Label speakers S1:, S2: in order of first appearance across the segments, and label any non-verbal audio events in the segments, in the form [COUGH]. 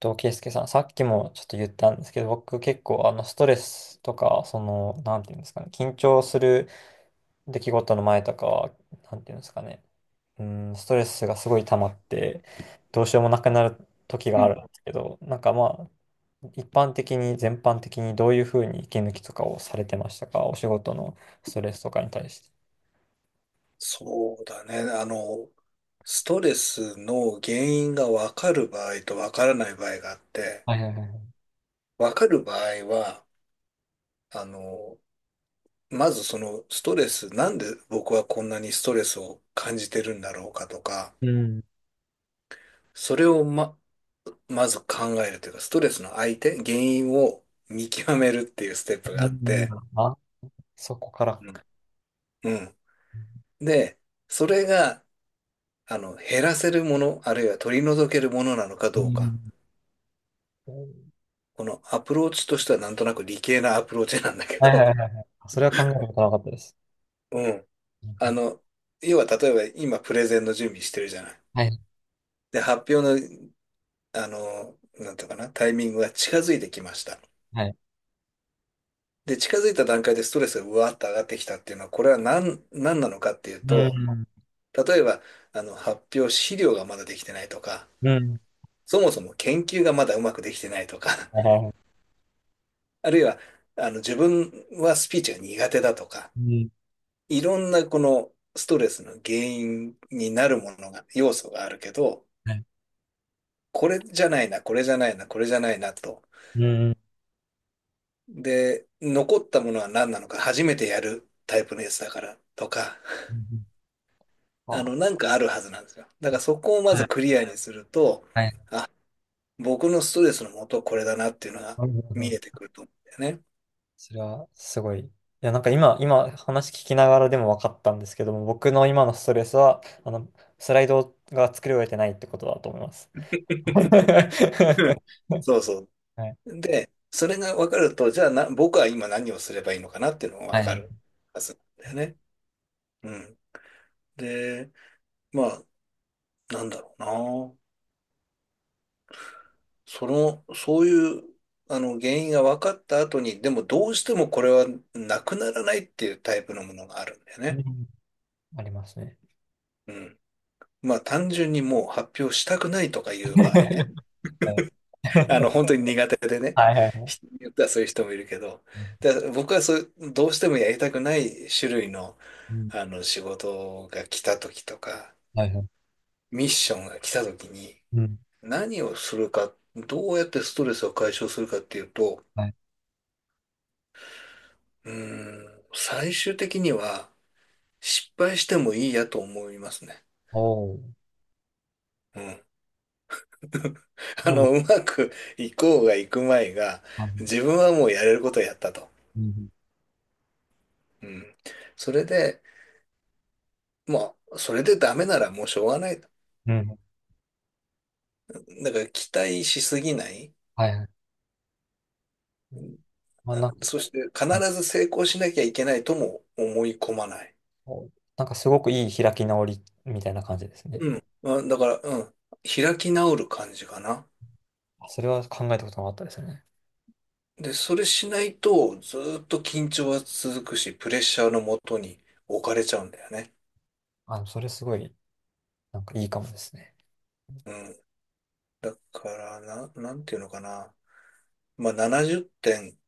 S1: と、圭介さん、さっきもちょっと言ったんですけど、僕結構ストレスとか、なんていうんですかね、緊張する出来事の前とかは、なんていうんですかね、うん、ストレスがすごい溜まって、どうしようもなくなる時
S2: う
S1: がある
S2: ん、
S1: んですけど、なんかまあ、一般的に、全般的にどういうふうに息抜きとかをされてましたか、お仕事のストレスとかに対して。
S2: そうだね。ストレスの原因が分かる場合と分からない場合があって、
S1: はいはいはい。
S2: 分かる場合は、あの、まずそのストレス、なんで僕はこんなにストレスを感じてるんだろうかとか、
S1: うん。
S2: それをまず考えるというか、ストレスの相手、原因を見極めるっていうステップが
S1: う
S2: あっ
S1: ん。
S2: て、
S1: あ、そこから。
S2: うんうん。で、それが、減らせるもの、あるいは取り除けるものなのか
S1: う
S2: どうか。
S1: ん。
S2: このアプローチとしてはなんとなく理系なアプローチなんだけ
S1: はいはいは
S2: ど、
S1: いはい。それは考えたことなかったです。
S2: [LAUGHS] うん。
S1: う
S2: あ
S1: ん。
S2: の、要は例えば今プレゼンの準備してるじゃない。
S1: はい、
S2: で、発表の、あの、なんていうかな、タイミングが近づいてきました。
S1: はい。
S2: で、近づいた段階でストレスがうわーっと上がってきたっていうのは、これは何なのかっていう
S1: う
S2: と、
S1: ん、
S2: 例えば、発表資料がまだできてないとか、
S1: うん、
S2: そもそも研究がまだうまくできてないとか、[LAUGHS]
S1: はいはいはい。
S2: あるいは、自分はスピーチが苦手だとか、
S1: うん、
S2: いろんなこのストレスの原因になるものが、要素があるけど、
S1: はい。
S2: これじゃないな、これじゃないな、これじゃないなと。
S1: うん、
S2: で、残ったものは何なのか、初めてやるタイプのやつだからとか、
S1: うん、あ、
S2: なんかあるはずなんですよ。だからそこをま
S1: は
S2: ず
S1: い、
S2: クリアにすると、
S1: はい。
S2: あ、僕のストレスの元はこれだなっていうのが
S1: なるほど。
S2: 見えてくると思うんだよね。
S1: それはすごい。いや、なんか今話聞きながらでも分かったんですけども、僕の今のストレスは、スライドが作り終えてないってことだと思います。[LAUGHS]
S2: う
S1: は
S2: んそうそ
S1: い。
S2: う。で、それが分かると、じゃあ、僕は今何をすればいいのかなっていうのが
S1: は
S2: 分
S1: い。
S2: かるはずなんだよね。うん。で、まあ、なんだろうな。その、そういう、あの、原因が分かった後に、でもどうしてもこれはなくならないっていうタイプのものがあるんだよ
S1: う
S2: ね。
S1: ん、ありますね。
S2: うん。まあ、単純にもう発表したくないとかいう場合ね。
S1: [LAUGHS] はい
S2: 本当に苦手でね。
S1: はいはい。
S2: 人によってはそういう人もいるけど。で、僕はそう、どうしてもやりたくない種類の、仕事が来た時とか、
S1: はいはい。
S2: ミッションが来た時に、
S1: うん、はいはい。うん、
S2: 何をするか、どうやってストレスを解消するかっていうと、
S1: はい。
S2: 最終的には失敗してもいいやと思いますね。
S1: おお、
S2: うん。[LAUGHS]
S1: なんだ、
S2: うまくいこうがいくまいが、
S1: はい。
S2: 自分はもうやれることをやったと。
S1: うん、
S2: うん。それで、まあ、それでダメならもうしょうがない。だ
S1: うん、
S2: から期待しすぎない。
S1: はいはい。まあ、なんか、
S2: そして必
S1: あ、
S2: ず成功しなきゃいけないとも思い込まない。
S1: お、なんかすごくいい開き直りみたいな感じですね。
S2: うん。まあだから、うん。開き直る感じかな。
S1: あ、それは考えたことなかったですね。
S2: で、それしないと、ずーっと緊張は続くし、プレッシャーのもとに置かれちゃうんだよね。
S1: あ、それすごい、なんかいいかもですね。
S2: うん。だから、なんていうのかな。まあ、70点、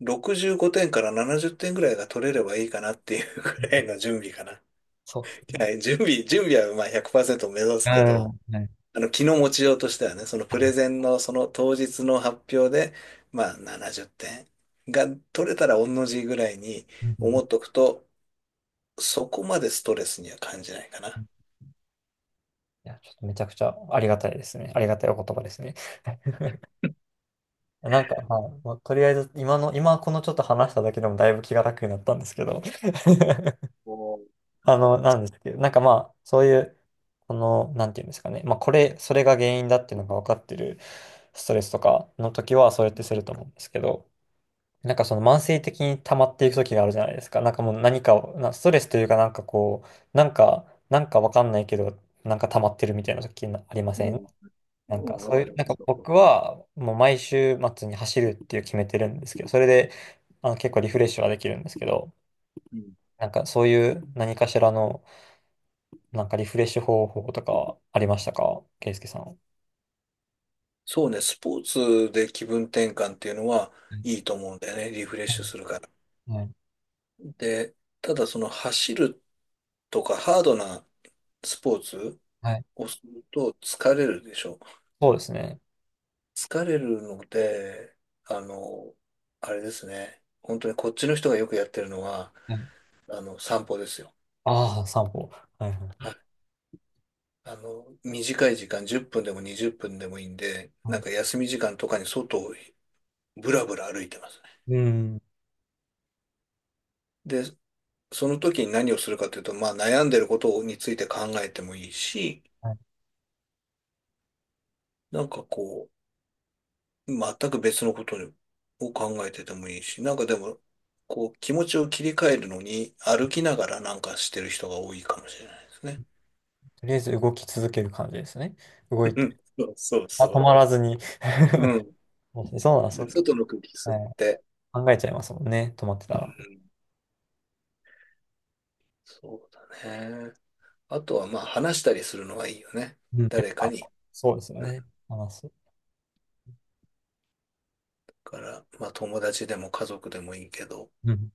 S2: 65点から70点ぐらいが取れればいいかなっていうぐ
S1: うん。
S2: らいの準備かな。
S1: そうです
S2: [LAUGHS]
S1: ね。
S2: はい、準備はまあ100%目指
S1: う
S2: すけ
S1: ん、
S2: ど、
S1: はい。い。
S2: 気の持ちようとしてはね、そのプレゼンのその当日の発表で、まあ70点が取れたら同じぐらいに思っとくと、そこまでストレスには感じないか
S1: う
S2: な。
S1: ん。いや、ちょっとめちゃくちゃありがたいですね。ありがたいお言葉ですね。[LAUGHS] なんか、はい、もうとりあえず、今このちょっと話しただけでもだいぶ気が楽になったんですけど。[LAUGHS]
S2: お
S1: なんですけど、なんかまあ、そういう、この、なんていうんですかね、まあ、それが原因だっていうのが分かってるストレスとかの時は、そうやってすると思うんですけど、なんかその慢性的に溜まっていく時があるじゃないですか。なんかもう何かを、ストレスというか、なんかこう、なんか、なんか分かんないけど、なんか溜まってるみたいな時なありま
S2: う
S1: せん。
S2: ん。
S1: なん
S2: う
S1: か
S2: んわ
S1: そう
S2: か
S1: い
S2: り
S1: う、
S2: ま
S1: なんか
S2: すよ。
S1: 僕は、もう毎週末に走るっていう決めてるんですけど、それで、結構リフレッシュはできるんですけど、
S2: うん。
S1: なんかそういう何かしらの、なんかリフレッシュ方法とかありましたかケイスケさん。は
S2: そうね、スポーツで気分転換っていうのはいい
S1: い
S2: と思うんだよね、リフレッシュするから。
S1: はい
S2: で、ただその走るとかハードなスポーツ
S1: はい。
S2: をすると疲れるでしょ。
S1: そうですね。
S2: 疲れるので、あの、あれですね、本当にこっちの人がよくやってるのは、
S1: はい。
S2: 散歩ですよ。
S1: ああ、散歩。はいはい。
S2: 短い時間、10分でも20分でもいいんで、なんか
S1: は
S2: 休み時間とかに外をぶらぶら歩いてますね。
S1: い。うん。
S2: で、その時に何をするかというと、まあ悩んでることについて考えてもいいし、
S1: はい。
S2: なんかこ全く別のことを考えててもいいし、なんかでも、こう、気持ちを切り替えるのに歩きながらなんかしてる人が多いかもしれないですね。
S1: とりあえず動き続ける感じですね。動い
S2: う
S1: て。
S2: んそうそう
S1: あ、止
S2: そ
S1: まらずに。[LAUGHS]
S2: う。うん。
S1: そう、そ
S2: で
S1: うか。
S2: 外の空気吸っ
S1: はい。
S2: て。
S1: 考えちゃいますもんね。止まってたら。
S2: うん。そうだね。あとはまあ話したりするのがいいよね。
S1: うん。やっ
S2: 誰か
S1: ぱ、
S2: に。
S1: そうですよ
S2: うんだ
S1: ね。話す。
S2: から、まあ友達でも家族でもいいけど、
S1: うん。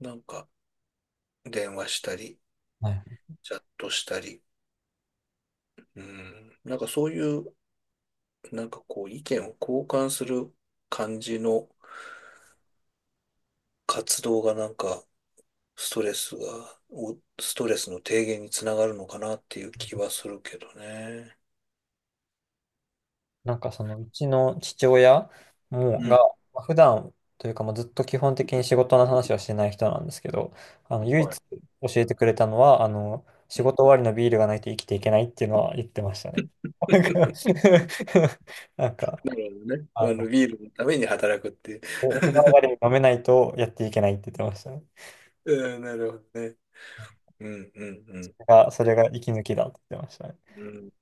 S2: なんか電話したり、
S1: はい。
S2: チャットしたり、うん、なんかそういう、なんかこう意見を交換する感じの活動がなんかストレスが、おストレスの低減につながるのかなっていう気はするけどね。
S1: なんかそのうちの父親も
S2: う
S1: が、
S2: ん。
S1: まあ普段というかもうずっと基本的に仕事の話はしてない人なんですけど、唯一
S2: はい
S1: 教えてくれたのは、
S2: う
S1: 仕
S2: ん。
S1: 事終わりのビールがないと生きていけないっていうのは言ってましたね。[LAUGHS] なんか、[LAUGHS] なんか
S2: なるほどね。
S1: あの、
S2: ビールのために働くっていう。
S1: お風呂上がりに飲めないとやっていけないって言ってましたね。
S2: うん、なるほどね。うん、うん、うん。
S1: だ、それが息抜きだって言ってましたね。
S2: うん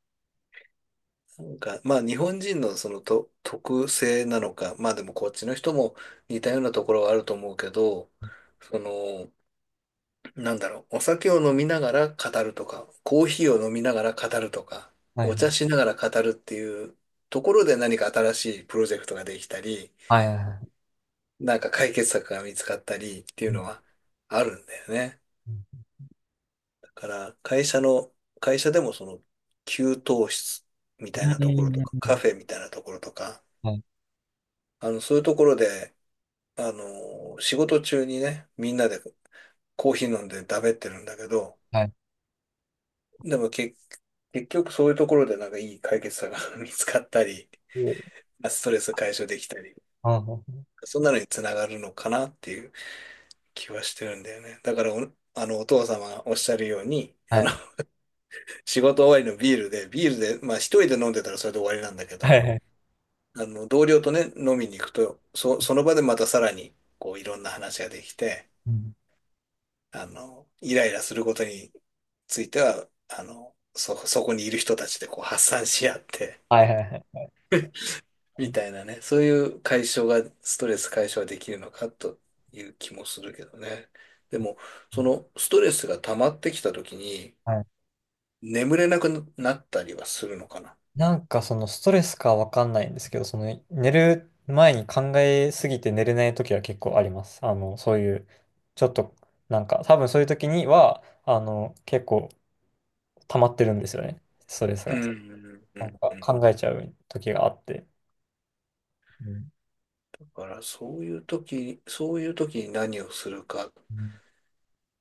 S2: なんか、まあ日本人のそのと特性なのか、まあでもこっちの人も似たようなところはあると思うけど、その、お酒を飲みながら語るとか、コーヒーを飲みながら語るとか、
S1: はい
S2: お茶しながら語るっていうところで何か新しいプロジェクトができたり、
S1: はいはいはいはい。
S2: なんか解決策が見つかったりってい
S1: う
S2: う
S1: ん
S2: のはあるんだよね。
S1: う
S2: だから会社でもその給湯室み
S1: ん
S2: たいな
S1: う
S2: ところ
S1: ん
S2: と
S1: う
S2: か、カ
S1: ん。
S2: フェみたいなところとか、
S1: はい
S2: そういうところで、仕事中にね、みんなでコーヒー飲んでだべってるんだけど、
S1: はい。
S2: でも結局そういうところでなんかいい解決策が [LAUGHS] 見つかったり、
S1: うん、
S2: ストレス解消できたり、そんなのにつながるのかなっていう気はしてるんだよね。だからお、あの、お父様がおっしゃるように、
S1: はい
S2: [LAUGHS] 仕事終わりのビールで、まあ一人で飲んでたらそれで終わりなんだけ
S1: はい
S2: ど、
S1: はい。はい。はいはい
S2: 同僚とね、飲みに行くと、その場でまたさらに、こう、いろんな話ができて、
S1: うん
S2: イライラすることについては、そこにいる人たちでこう発散し合って、
S1: はいはいはい。
S2: [LAUGHS] みたいなね、そういう解消が、ストレス解消できるのかという気もするけどね。でも、そのストレスが溜まってきた時に、
S1: はい。
S2: 眠れなくなったりはするのかな。
S1: なんかそのストレスかわかんないんですけど、その寝る前に考えすぎて寝れない時は結構あります。そういう、ちょっと、なんか多分そういう時には、結構溜まってるんですよね。ストレス
S2: う
S1: が。
S2: ん、うん、う
S1: な
S2: ん。
S1: んか
S2: うん
S1: 考えちゃう時があって。うん。
S2: だから、そういう時に何をするか、
S1: うん。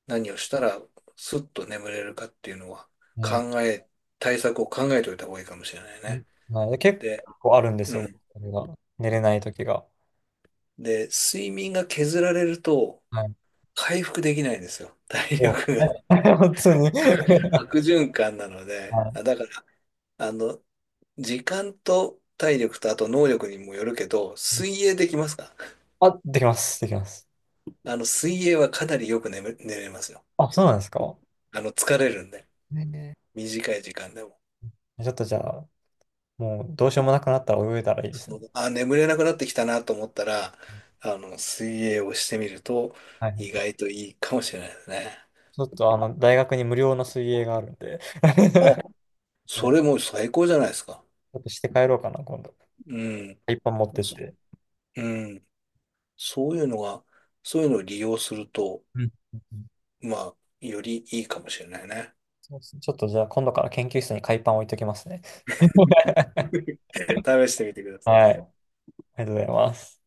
S2: 何をしたらスッと眠れるかっていうのは
S1: ね。
S2: 考え、対策を考えておいた方がいいかもしれないね。
S1: はい。結
S2: で、
S1: 構あるんで
S2: う
S1: すよ。
S2: ん。
S1: それが寝れない時が。
S2: で、睡眠が削られると
S1: はい。
S2: 回復できないんですよ。[LAUGHS] 体
S1: そう
S2: 力
S1: で
S2: が
S1: すね、 [LAUGHS] 本当に。
S2: [LAUGHS] 悪循環なので。
S1: はい。
S2: だから、あの、時間と体力とあと能力にもよるけど、水泳できますか。
S1: あ、できます。できます。
S2: 水泳はかなりよく寝れますよ。
S1: あ、そうなんですか。
S2: 疲れるんで。
S1: ね。
S2: 短い時間でも。
S1: ね。ちょっとじゃあ、もうどうしようもなくなったら泳いだらいいですね。
S2: 眠れなくなってきたなと思ったら、水泳をしてみると
S1: はいは
S2: 意
S1: い。
S2: 外といいかもしれないですね。
S1: ちょっと大学に無料の水泳があるんで
S2: あ、
S1: [LAUGHS]
S2: そ
S1: ね、
S2: れもう最高じゃないですか。
S1: ちょっとして帰ろうかな、今度。
S2: うん。
S1: 海パン持ってっ
S2: そ
S1: て。
S2: うん。そういうのが、そういうのを利用すると、
S1: うん。
S2: まあ、よりいいかもしれないね。
S1: そうですね、ちょっとじゃあ今度から研究室に海パン置いときますね。[LAUGHS]
S2: 試してみてください。
S1: はい、ありがとうございます。